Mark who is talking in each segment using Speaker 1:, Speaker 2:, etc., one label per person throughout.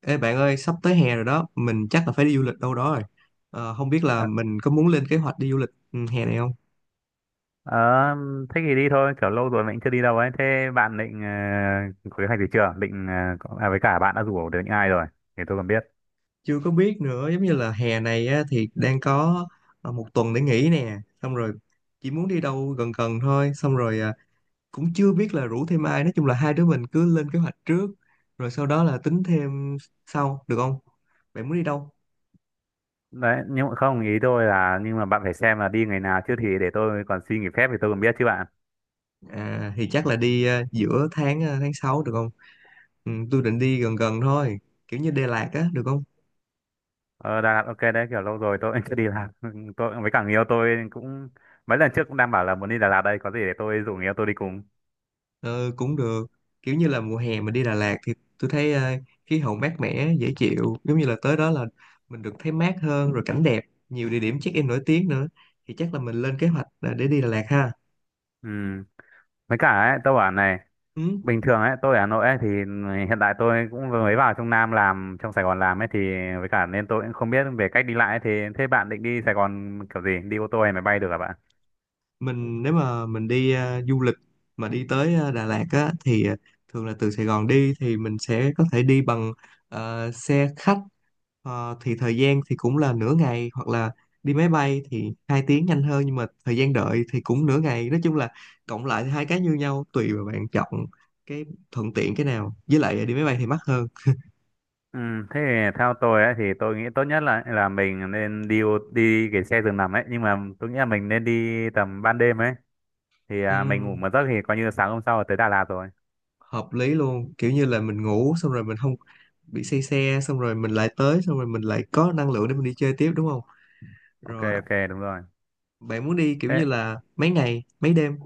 Speaker 1: Ê bạn ơi, sắp tới hè rồi đó, mình chắc là phải đi du lịch đâu đó rồi. Không biết là
Speaker 2: Ờ,
Speaker 1: mình có muốn lên kế hoạch đi du lịch hè này không?
Speaker 2: ờ, Thế thì đi thôi, kiểu lâu rồi mình chưa đi đâu ấy. Thế bạn định có kế hoạch gì chưa? Định với cả bạn đã rủ được những ai rồi thì tôi còn biết.
Speaker 1: Chưa có biết nữa, giống như là hè này á, thì đang có một tuần để nghỉ nè, xong rồi chỉ muốn đi đâu gần gần thôi, xong rồi cũng chưa biết là rủ thêm ai, nói chung là hai đứa mình cứ lên kế hoạch trước, rồi sau đó là tính thêm sau, được không? Bạn muốn đi đâu?
Speaker 2: Đấy, nhưng mà không, ý tôi là nhưng mà bạn phải xem là đi ngày nào chứ, thì để tôi còn xin nghỉ phép thì tôi còn biết chứ bạn.
Speaker 1: À, thì chắc là đi giữa tháng 6 được không? Ừ, tôi định đi gần gần thôi, kiểu như Đà Lạt á, được không?
Speaker 2: Ờ đã ok đấy, kiểu lâu rồi tôi cũng chưa đi làm. Tôi với cả người yêu tôi cũng mấy lần trước cũng đang bảo là muốn đi Đà Lạt đây, có gì để tôi rủ người yêu tôi đi cùng.
Speaker 1: Ờ, cũng được, kiểu như là mùa hè mình đi Đà Lạt thì tôi thấy khí hậu mát mẻ dễ chịu, giống như là tới đó là mình được thấy mát hơn, rồi cảnh đẹp, nhiều địa điểm check-in nổi tiếng nữa, thì chắc là mình lên kế hoạch là để đi Đà Lạt ha.
Speaker 2: Ừ. Với cả ấy, tôi bảo này,
Speaker 1: Ừ.
Speaker 2: bình thường ấy tôi ở Hà Nội ấy, thì hiện tại tôi cũng vừa mới vào trong Nam làm, trong Sài Gòn làm ấy, thì với cả nên tôi cũng không biết về cách đi lại ấy, thì thế bạn định đi Sài Gòn kiểu gì, đi ô tô hay máy bay được hả bạn?
Speaker 1: Mình nếu mà mình đi du lịch mà đi tới Đà Lạt á thì thường là từ Sài Gòn đi thì mình sẽ có thể đi bằng xe khách. Thì thời gian thì cũng là nửa ngày, hoặc là đi máy bay thì 2 tiếng nhanh hơn, nhưng mà thời gian đợi thì cũng nửa ngày, nói chung là cộng lại thì hai cái như nhau, tùy vào bạn chọn cái thuận tiện cái nào, với lại đi máy bay thì mắc hơn.
Speaker 2: Ừ, thế thì theo tôi ấy, thì tôi nghĩ tốt nhất là mình nên đi đi cái xe giường nằm ấy, nhưng mà tôi nghĩ là mình nên đi tầm ban đêm ấy, thì mình ngủ
Speaker 1: Ừm,
Speaker 2: một giấc thì coi như sáng hôm sau là tới Đà Lạt rồi.
Speaker 1: Hợp lý luôn, kiểu như là mình ngủ xong rồi mình không bị say xe, xong rồi mình lại tới, xong rồi mình lại có năng lượng để mình đi chơi tiếp, đúng không?
Speaker 2: Ok
Speaker 1: Rồi,
Speaker 2: ok, đúng rồi.
Speaker 1: bạn muốn đi kiểu
Speaker 2: Thế
Speaker 1: như là mấy ngày, mấy đêm?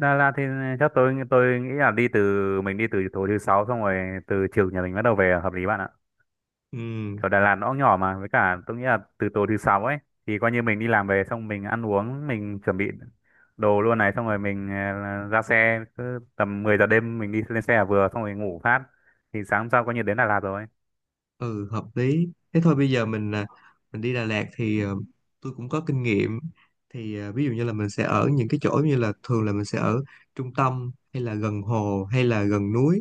Speaker 2: Đà Lạt thì chắc tôi nghĩ là đi từ mình đi từ tối thứ sáu, xong rồi từ chiều nhà mình bắt đầu về là hợp lý bạn ạ.
Speaker 1: Ừ,
Speaker 2: Kiểu Đà Lạt nó cũng nhỏ mà, với cả tôi nghĩ là từ tối thứ sáu ấy thì coi như mình đi làm về, xong mình ăn uống mình chuẩn bị đồ luôn này, xong rồi mình ra xe cứ tầm 10 giờ đêm mình đi lên xe là vừa, xong rồi ngủ phát thì sáng hôm sau coi như đến Đà Lạt rồi.
Speaker 1: ừ, hợp lý. Thế thôi, bây giờ mình đi Đà Lạt thì tôi cũng có kinh nghiệm. Thì ví dụ như là mình sẽ ở những cái chỗ như là thường là mình sẽ ở trung tâm hay là gần hồ hay là gần núi.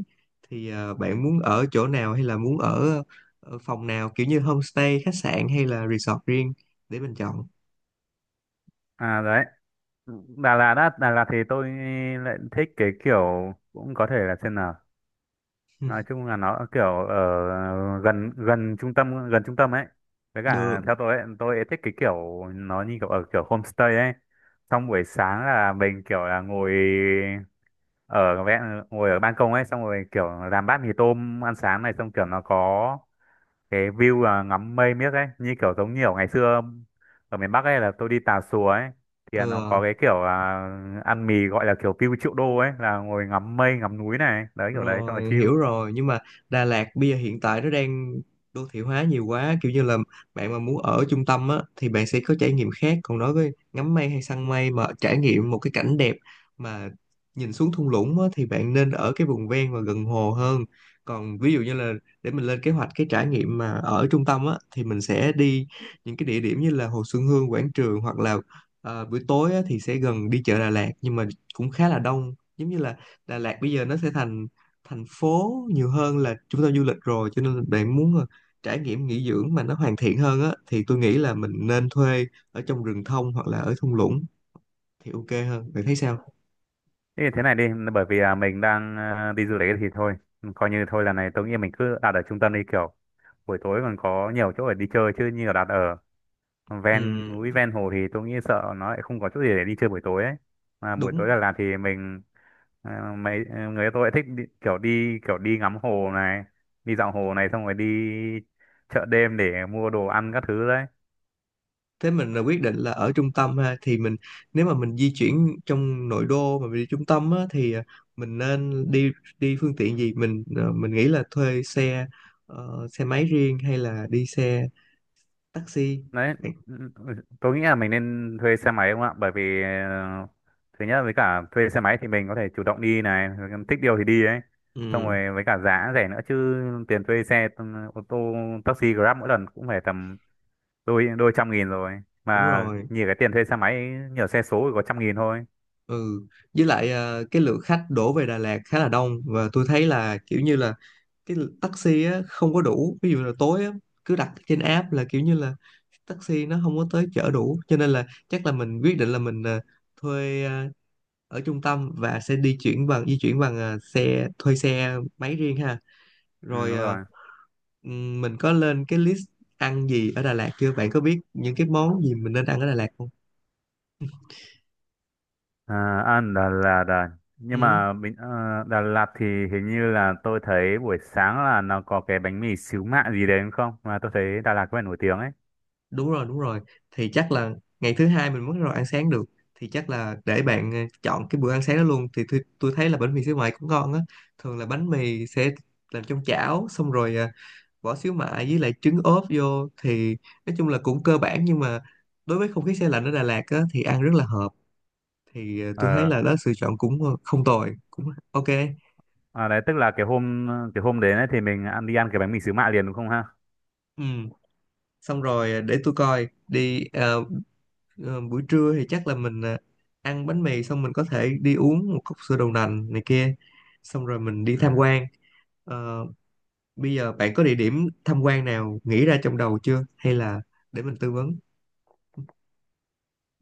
Speaker 1: Thì bạn muốn ở chỗ nào, hay là muốn ở phòng nào, kiểu như homestay, khách sạn hay là resort riêng để mình chọn.
Speaker 2: À đấy, Đà Lạt á, Đà Lạt thì tôi lại thích cái kiểu, cũng có thể là xem nào, nói chung là nó kiểu ở gần gần trung tâm, ấy, với
Speaker 1: Ừ, được.
Speaker 2: cả theo tôi ấy thích cái kiểu nó như kiểu ở kiểu homestay ấy, xong buổi sáng là mình kiểu là ngồi ở ngồi ở ban công ấy, xong rồi kiểu làm bát mì tôm ăn sáng này, xong kiểu nó có cái view là ngắm mây miếc ấy, như kiểu giống như ở ngày xưa ở miền Bắc ấy là tôi đi Tà Xùa ấy thì
Speaker 1: Ừ,
Speaker 2: nó có
Speaker 1: ờ.
Speaker 2: cái kiểu là ăn mì gọi là kiểu view triệu đô ấy, là ngồi ngắm mây ngắm núi này, đấy kiểu đấy cho là
Speaker 1: Rồi,
Speaker 2: chill.
Speaker 1: hiểu rồi, nhưng mà Đà Lạt bây giờ hiện tại nó đang đô thị hóa nhiều quá, kiểu như là bạn mà muốn ở trung tâm á thì bạn sẽ có trải nghiệm khác, còn đối với ngắm mây hay săn mây mà trải nghiệm một cái cảnh đẹp mà nhìn xuống thung lũng á thì bạn nên ở cái vùng ven và gần hồ hơn. Còn ví dụ như là để mình lên kế hoạch cái trải nghiệm mà ở trung tâm á thì mình sẽ đi những cái địa điểm như là Hồ Xuân Hương, Quảng Trường, hoặc là buổi tối á, thì sẽ gần đi chợ Đà Lạt, nhưng mà cũng khá là đông, giống như là Đà Lạt bây giờ nó sẽ thành thành phố nhiều hơn là trung tâm du lịch rồi, cho nên là bạn muốn trải nghiệm nghỉ dưỡng mà nó hoàn thiện hơn á thì tôi nghĩ là mình nên thuê ở trong rừng thông hoặc là ở thung lũng thì ok hơn, bạn thấy sao?
Speaker 2: Thế thì thế này đi, bởi vì mình đang đi du lịch thì thôi, coi như thôi lần này tôi nghĩ mình cứ đặt ở trung tâm đi, kiểu buổi tối còn có nhiều chỗ để đi chơi, chứ như là đặt ở
Speaker 1: Ừ,
Speaker 2: ven núi ven hồ thì tôi nghĩ sợ nó lại không có chỗ gì để đi chơi buổi tối ấy. Mà buổi
Speaker 1: đúng.
Speaker 2: tối Đà Lạt thì mình người tôi lại thích đi, kiểu đi kiểu đi ngắm hồ này, đi dạo hồ này, xong rồi đi chợ đêm để mua đồ ăn các thứ đấy.
Speaker 1: Thế mình là quyết định là ở trung tâm ha, thì mình nếu mà mình di chuyển trong nội đô mà mình đi trung tâm á thì mình nên đi đi phương tiện gì, mình nghĩ là thuê xe máy riêng hay là đi xe taxi?
Speaker 2: Đấy, ừ, tôi nghĩ là mình nên thuê xe máy không ạ, bởi vì thứ nhất với cả thuê xe máy thì mình có thể chủ động đi này, thích điều thì đi ấy, xong
Speaker 1: Ừ,
Speaker 2: rồi với cả giá rẻ nữa chứ, tiền thuê xe ô tô taxi Grab mỗi lần cũng phải tầm đôi đôi 100.000 rồi
Speaker 1: đúng
Speaker 2: mà,
Speaker 1: rồi.
Speaker 2: nhìn cái tiền thuê xe máy nhờ xe số thì có 100.000 thôi.
Speaker 1: Ừ, với lại cái lượng khách đổ về Đà Lạt khá là đông, và tôi thấy là kiểu như là cái taxi á, không có đủ, ví dụ là tối á, cứ đặt trên app là kiểu như là taxi nó không có tới chở đủ, cho nên là chắc là mình quyết định là mình thuê ở trung tâm và sẽ di chuyển bằng xe thuê xe máy riêng ha,
Speaker 2: Ừ,
Speaker 1: rồi
Speaker 2: đúng rồi.
Speaker 1: mình có lên cái list ăn gì ở Đà Lạt chưa, bạn có biết những cái món gì mình nên ăn ở Đà Lạt không?
Speaker 2: à, Đà Lạt à. Nhưng
Speaker 1: Ừ.
Speaker 2: mà bình- ờ, Đà Lạt thì hình như là tôi thấy buổi sáng là nó có cái bánh mì xíu mại gì đấy đúng không, mà tôi thấy Đà Lạt có vẻ nổi tiếng ấy.
Speaker 1: Đúng rồi, đúng rồi, thì chắc là ngày thứ hai mình mới bắt đầu ăn sáng được, thì chắc là để bạn chọn cái bữa ăn sáng đó luôn, thì tôi thấy là bánh mì xíu mại cũng ngon á. Thường là bánh mì sẽ làm trong chảo, xong rồi bỏ xíu mại với lại trứng ốp vô, thì nói chung là cũng cơ bản, nhưng mà đối với không khí xe lạnh ở Đà Lạt á thì ăn rất là hợp. Thì tôi thấy
Speaker 2: Ờ,
Speaker 1: là đó sự chọn cũng không tồi, cũng ok.
Speaker 2: đấy tức là cái hôm đến ấy thì mình ăn đi ăn cái bánh mì xíu mại liền đúng không ha.
Speaker 1: Ừ, xong rồi để tôi coi đi. Ờ, Buổi trưa thì chắc là ăn bánh mì xong mình có thể đi uống một cốc sữa đậu nành này kia, xong rồi mình đi tham
Speaker 2: Ừ.
Speaker 1: quan. Ờ, Bây giờ bạn có địa điểm tham quan nào nghĩ ra trong đầu chưa, hay là để mình tư vấn?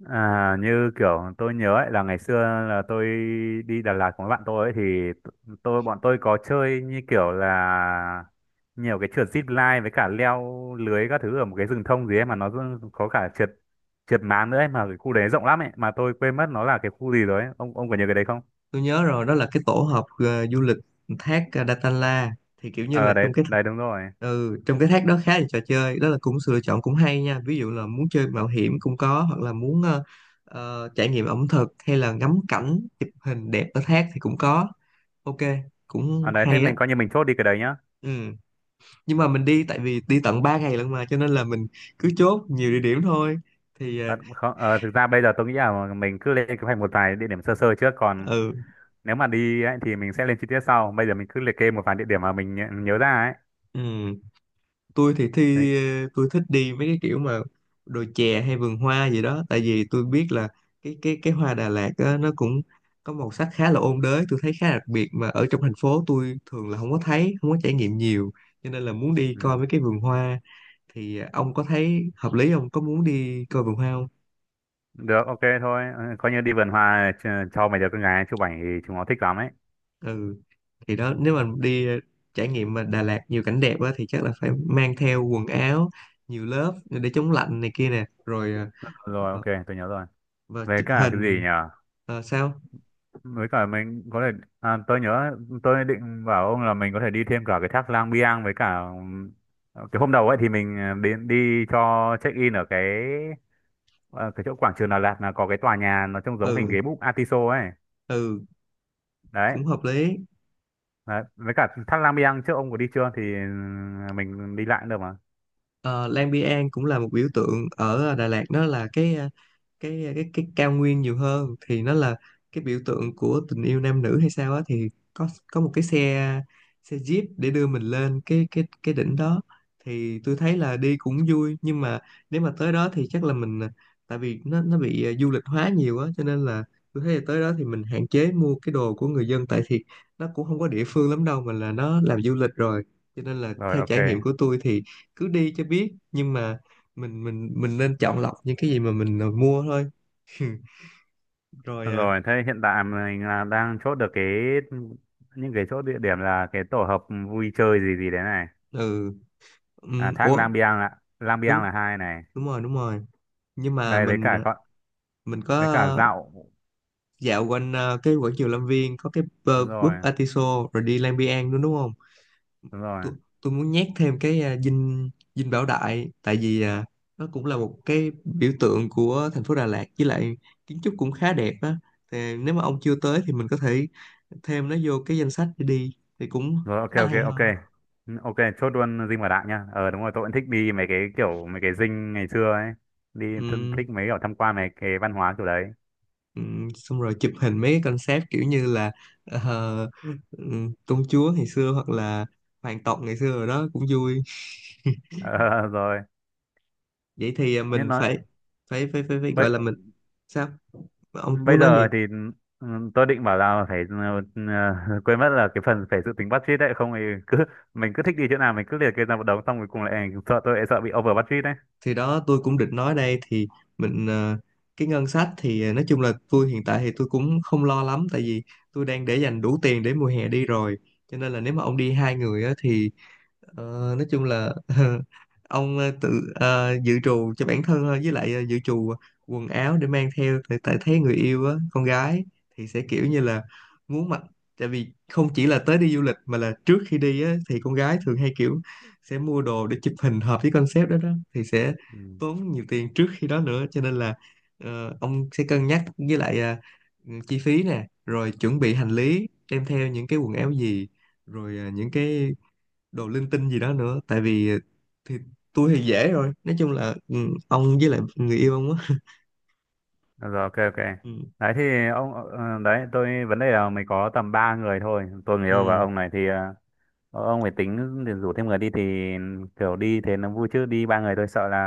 Speaker 2: À, như kiểu tôi nhớ ấy là ngày xưa là tôi đi Đà Lạt cùng với bạn tôi ấy thì tôi bọn tôi có chơi như kiểu là nhiều cái trượt zip line với cả leo lưới các thứ ở một cái rừng thông gì ấy, mà nó có cả trượt trượt máng nữa ấy, mà cái khu đấy rộng lắm ấy, mà tôi quên mất nó là cái khu gì rồi ấy. Ông có nhớ cái đấy không?
Speaker 1: Tôi nhớ rồi, đó là cái tổ hợp du lịch thác Datanla, thì kiểu như là
Speaker 2: Ờ đấy
Speaker 1: trong cái…
Speaker 2: đấy, đúng rồi.
Speaker 1: Ừ, trong cái thác đó khá là trò chơi, đó là cũng sự lựa chọn cũng hay nha, ví dụ là muốn chơi mạo hiểm cũng có, hoặc là muốn trải nghiệm ẩm thực hay là ngắm cảnh chụp hình đẹp ở thác thì cũng có, ok,
Speaker 2: Ở
Speaker 1: cũng
Speaker 2: đấy, thế
Speaker 1: hay á.
Speaker 2: mình coi như mình chốt đi cái đấy nhá.
Speaker 1: Ừ. Nhưng mà mình đi, tại vì đi tận 3 ngày lận mà, cho nên là mình cứ chốt nhiều địa điểm thôi, thì
Speaker 2: À, không, thực ra bây giờ tôi nghĩ là mình cứ lên kế hoạch một vài địa điểm sơ sơ trước, còn
Speaker 1: ừ,
Speaker 2: nếu mà đi ấy thì mình sẽ lên chi tiết sau, bây giờ mình cứ liệt kê một vài địa điểm mà mình nhớ nhớ ra ấy.
Speaker 1: ừ. tôi thì
Speaker 2: Đấy.
Speaker 1: thi ờ, tôi thích đi mấy cái kiểu mà đồi chè hay vườn hoa gì đó, tại vì tôi biết là cái hoa Đà Lạt á, nó cũng có màu sắc khá là ôn đới, tôi thấy khá là đặc biệt mà ở trong thành phố tôi thường là không có thấy, không có trải nghiệm nhiều, cho nên là muốn đi coi
Speaker 2: Ừ.
Speaker 1: mấy cái vườn hoa. Thì ông có thấy hợp lý không, có muốn đi coi vườn hoa không?
Speaker 2: Được ok thôi. Ừ, coi như đi vườn hoa cho mấy đứa con gái chụp ảnh thì chúng nó thích lắm ấy.
Speaker 1: Ừ. Thì đó, nếu mà đi trải nghiệm mà Đà Lạt nhiều cảnh đẹp á thì chắc là phải mang theo quần áo nhiều lớp để chống lạnh này kia nè, rồi
Speaker 2: Rồi
Speaker 1: ờ,
Speaker 2: ok, tôi nhớ rồi.
Speaker 1: và
Speaker 2: Về
Speaker 1: chụp
Speaker 2: cả cái gì
Speaker 1: hình.
Speaker 2: nhỉ,
Speaker 1: Ờ, sao?
Speaker 2: với cả mình có thể tôi nhớ tôi định bảo ông là mình có thể đi thêm cả cái thác Lang Biang với cả cái hôm đầu ấy thì mình đi đi cho check in ở cái ờ, cái chỗ quảng trường Đà Lạt là có cái tòa nhà nó trông giống hình
Speaker 1: Ừ,
Speaker 2: ghế búp Atiso ấy.
Speaker 1: ừ,
Speaker 2: Đấy.
Speaker 1: cũng hợp lý.
Speaker 2: Đấy, với cả thác Lang Biang trước ông có đi chưa thì mình đi lại cũng được mà.
Speaker 1: Ờ, Lang Biang cũng là một biểu tượng ở Đà Lạt, đó là cái ờ, cái cao nguyên nhiều hơn thì nó là cái biểu tượng của tình yêu nam nữ hay sao á, thì có một cái xe xe jeep để đưa mình lên cái đỉnh đó, thì tôi thấy là đi cũng vui, nhưng mà nếu mà tới đó thì chắc là mình, tại vì nó bị du lịch hóa nhiều á, cho nên là tôi thấy là tới đó thì mình hạn chế mua cái đồ của người dân tại, thì nó cũng không có địa phương lắm đâu mà là nó làm du lịch rồi, cho nên là
Speaker 2: Rồi
Speaker 1: theo
Speaker 2: ok.
Speaker 1: trải nghiệm của tôi thì cứ đi cho biết, nhưng mà mình nên chọn lọc những cái gì mà mua thôi. Rồi
Speaker 2: Rồi thế hiện tại mình là đang chốt được cái những cái chỗ địa điểm là cái tổ hợp vui chơi gì gì đấy này.
Speaker 1: ừ.
Speaker 2: À, thác
Speaker 1: Ủa,
Speaker 2: Lang Biang ạ, Lang Biang
Speaker 1: đúng,
Speaker 2: là hai này.
Speaker 1: đúng rồi, đúng rồi. Nhưng mà
Speaker 2: Đây với
Speaker 1: mình
Speaker 2: cả
Speaker 1: à,
Speaker 2: con
Speaker 1: mình có
Speaker 2: với cả dạo.
Speaker 1: dạo quanh cái quảng trường Lâm Viên, có cái
Speaker 2: Đúng rồi
Speaker 1: búp Atiso, rồi đi Lang Biang nữa đúng không?
Speaker 2: đúng rồi.
Speaker 1: Tôi tôi muốn nhét thêm cái dinh dinh Bảo Đại, tại vì nó cũng là một cái biểu tượng của thành phố Đà Lạt, với lại kiến trúc cũng khá đẹp á, thì nếu mà ông chưa tới thì mình có thể thêm nó vô cái danh sách để đi, thì cũng
Speaker 2: Rồi ok
Speaker 1: khá là
Speaker 2: ok
Speaker 1: hay
Speaker 2: ok.
Speaker 1: ho.
Speaker 2: Ừ, ok chốt luôn dinh và đạm nha. Ờ đúng rồi, tôi cũng thích đi mấy cái kiểu mấy cái dinh ngày xưa ấy, đi
Speaker 1: Ừ.
Speaker 2: thích mấy kiểu tham quan mấy cái văn hóa kiểu đấy.
Speaker 1: Ừ, xong rồi chụp hình mấy cái concept kiểu như là ờ, ừ, công chúa ngày xưa, hoặc là hoàng tộc ngày xưa rồi đó, cũng vui.
Speaker 2: Ờ, rồi.
Speaker 1: Vậy thì
Speaker 2: Nhưng
Speaker 1: mình
Speaker 2: nói
Speaker 1: phải phải phải phải, phải gọi
Speaker 2: bây
Speaker 1: là mình… Sao, ông
Speaker 2: bây
Speaker 1: muốn nói gì?
Speaker 2: giờ thì ừ, tôi định bảo là phải ừ, quên mất là cái phần phải dự tính budget đấy, không thì cứ mình cứ thích đi chỗ nào mình cứ liệt kê ra một đống, xong rồi cùng lại sợ, tôi lại sợ bị over budget đấy.
Speaker 1: Thì đó, tôi cũng định nói đây, thì mình cái ngân sách thì nói chung là tôi hiện tại thì tôi cũng không lo lắm, tại vì tôi đang để dành đủ tiền để mùa hè đi rồi, cho nên là nếu mà ông đi hai người á thì ờ, nói chung là ông tự dự trù cho bản thân thôi, với lại dự trù quần áo để mang theo. Tại tại thấy người yêu á, con gái thì sẽ kiểu như là muốn mặc, tại vì không chỉ là tới đi du lịch mà là trước khi đi á, thì con gái thường hay kiểu sẽ mua đồ để chụp hình hợp với concept đó đó, thì sẽ
Speaker 2: Ừ.
Speaker 1: tốn nhiều tiền trước khi đó nữa, cho nên là ông sẽ cân nhắc với lại chi phí nè, rồi chuẩn bị hành lý đem theo những cái quần áo gì, rồi những cái đồ linh tinh gì đó nữa, tại vì thì tôi thì dễ rồi, nói chung là ông với lại người yêu ông á.
Speaker 2: Rồi ok ok.
Speaker 1: Ừ,
Speaker 2: Đấy thì ông đấy tôi vấn đề là mình có tầm 3 người thôi, tôi người yêu và
Speaker 1: ừ.
Speaker 2: ông này thì ông phải tính để rủ thêm người đi thì kiểu đi thế nó vui, chứ đi ba người tôi sợ là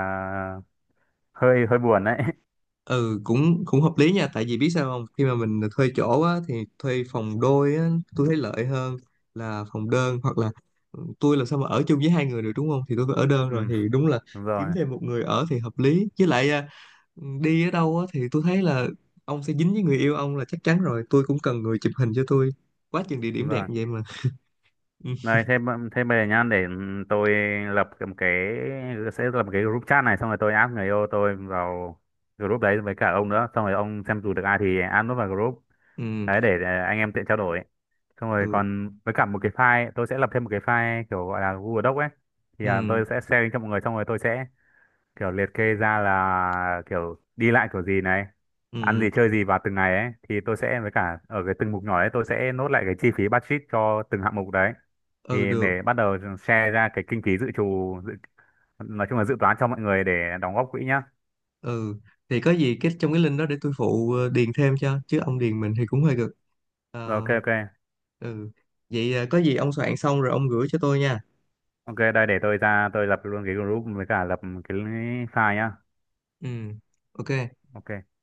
Speaker 2: hơi hơi buồn đấy.
Speaker 1: Ừ, cũng cũng hợp lý nha, tại vì biết sao không, khi mà mình thuê chỗ á thì thuê phòng đôi á tôi thấy lợi hơn là phòng đơn, hoặc là tôi làm sao mà ở chung với hai người được đúng không, thì tôi phải ở
Speaker 2: Ừ,
Speaker 1: đơn rồi, thì đúng là
Speaker 2: đúng
Speaker 1: kiếm
Speaker 2: rồi,
Speaker 1: thêm một người ở thì hợp lý, với lại đi ở đâu á thì tôi thấy là ông sẽ dính với người yêu ông là chắc chắn rồi, tôi cũng cần người chụp hình cho tôi, quá chừng địa
Speaker 2: đúng
Speaker 1: điểm đẹp
Speaker 2: rồi.
Speaker 1: vậy mà. Ừ,
Speaker 2: Này thêm thêm về nhá, để ừ, tôi lập một cái sẽ lập một cái group chat này, xong rồi tôi add người yêu tôi vào group đấy với cả ông nữa, xong rồi ông xem dù được ai thì add nó vào group.
Speaker 1: ừ,
Speaker 2: Đấy để anh em tiện trao đổi, xong rồi
Speaker 1: ừ,
Speaker 2: còn với cả một cái file, tôi sẽ lập thêm một cái file kiểu gọi là Google Doc ấy, thì
Speaker 1: ừ,
Speaker 2: tôi sẽ share link cho mọi người, xong rồi tôi sẽ kiểu liệt kê ra là kiểu đi lại kiểu gì này, ăn
Speaker 1: ừ.
Speaker 2: gì chơi gì vào từng ngày ấy, thì tôi sẽ với cả ở cái từng mục nhỏ ấy tôi sẽ nốt lại cái chi phí budget cho từng hạng mục đấy,
Speaker 1: Ừ,
Speaker 2: thì
Speaker 1: được.
Speaker 2: để bắt đầu share ra cái kinh phí dự trù nói chung là dự toán cho mọi người để đóng góp quỹ nhá.
Speaker 1: Ừ, thì có gì cái trong cái link đó để tôi phụ điền thêm cho, chứ ông điền mình thì cũng hơi gần.
Speaker 2: Rồi
Speaker 1: Ờ,
Speaker 2: ok ok
Speaker 1: ừ. Vậy có gì ông soạn xong rồi ông gửi cho tôi nha.
Speaker 2: ok. Đây để tôi ra tôi lập luôn cái group với cả lập cái file nhá.
Speaker 1: Ừ. Ok.
Speaker 2: Ok.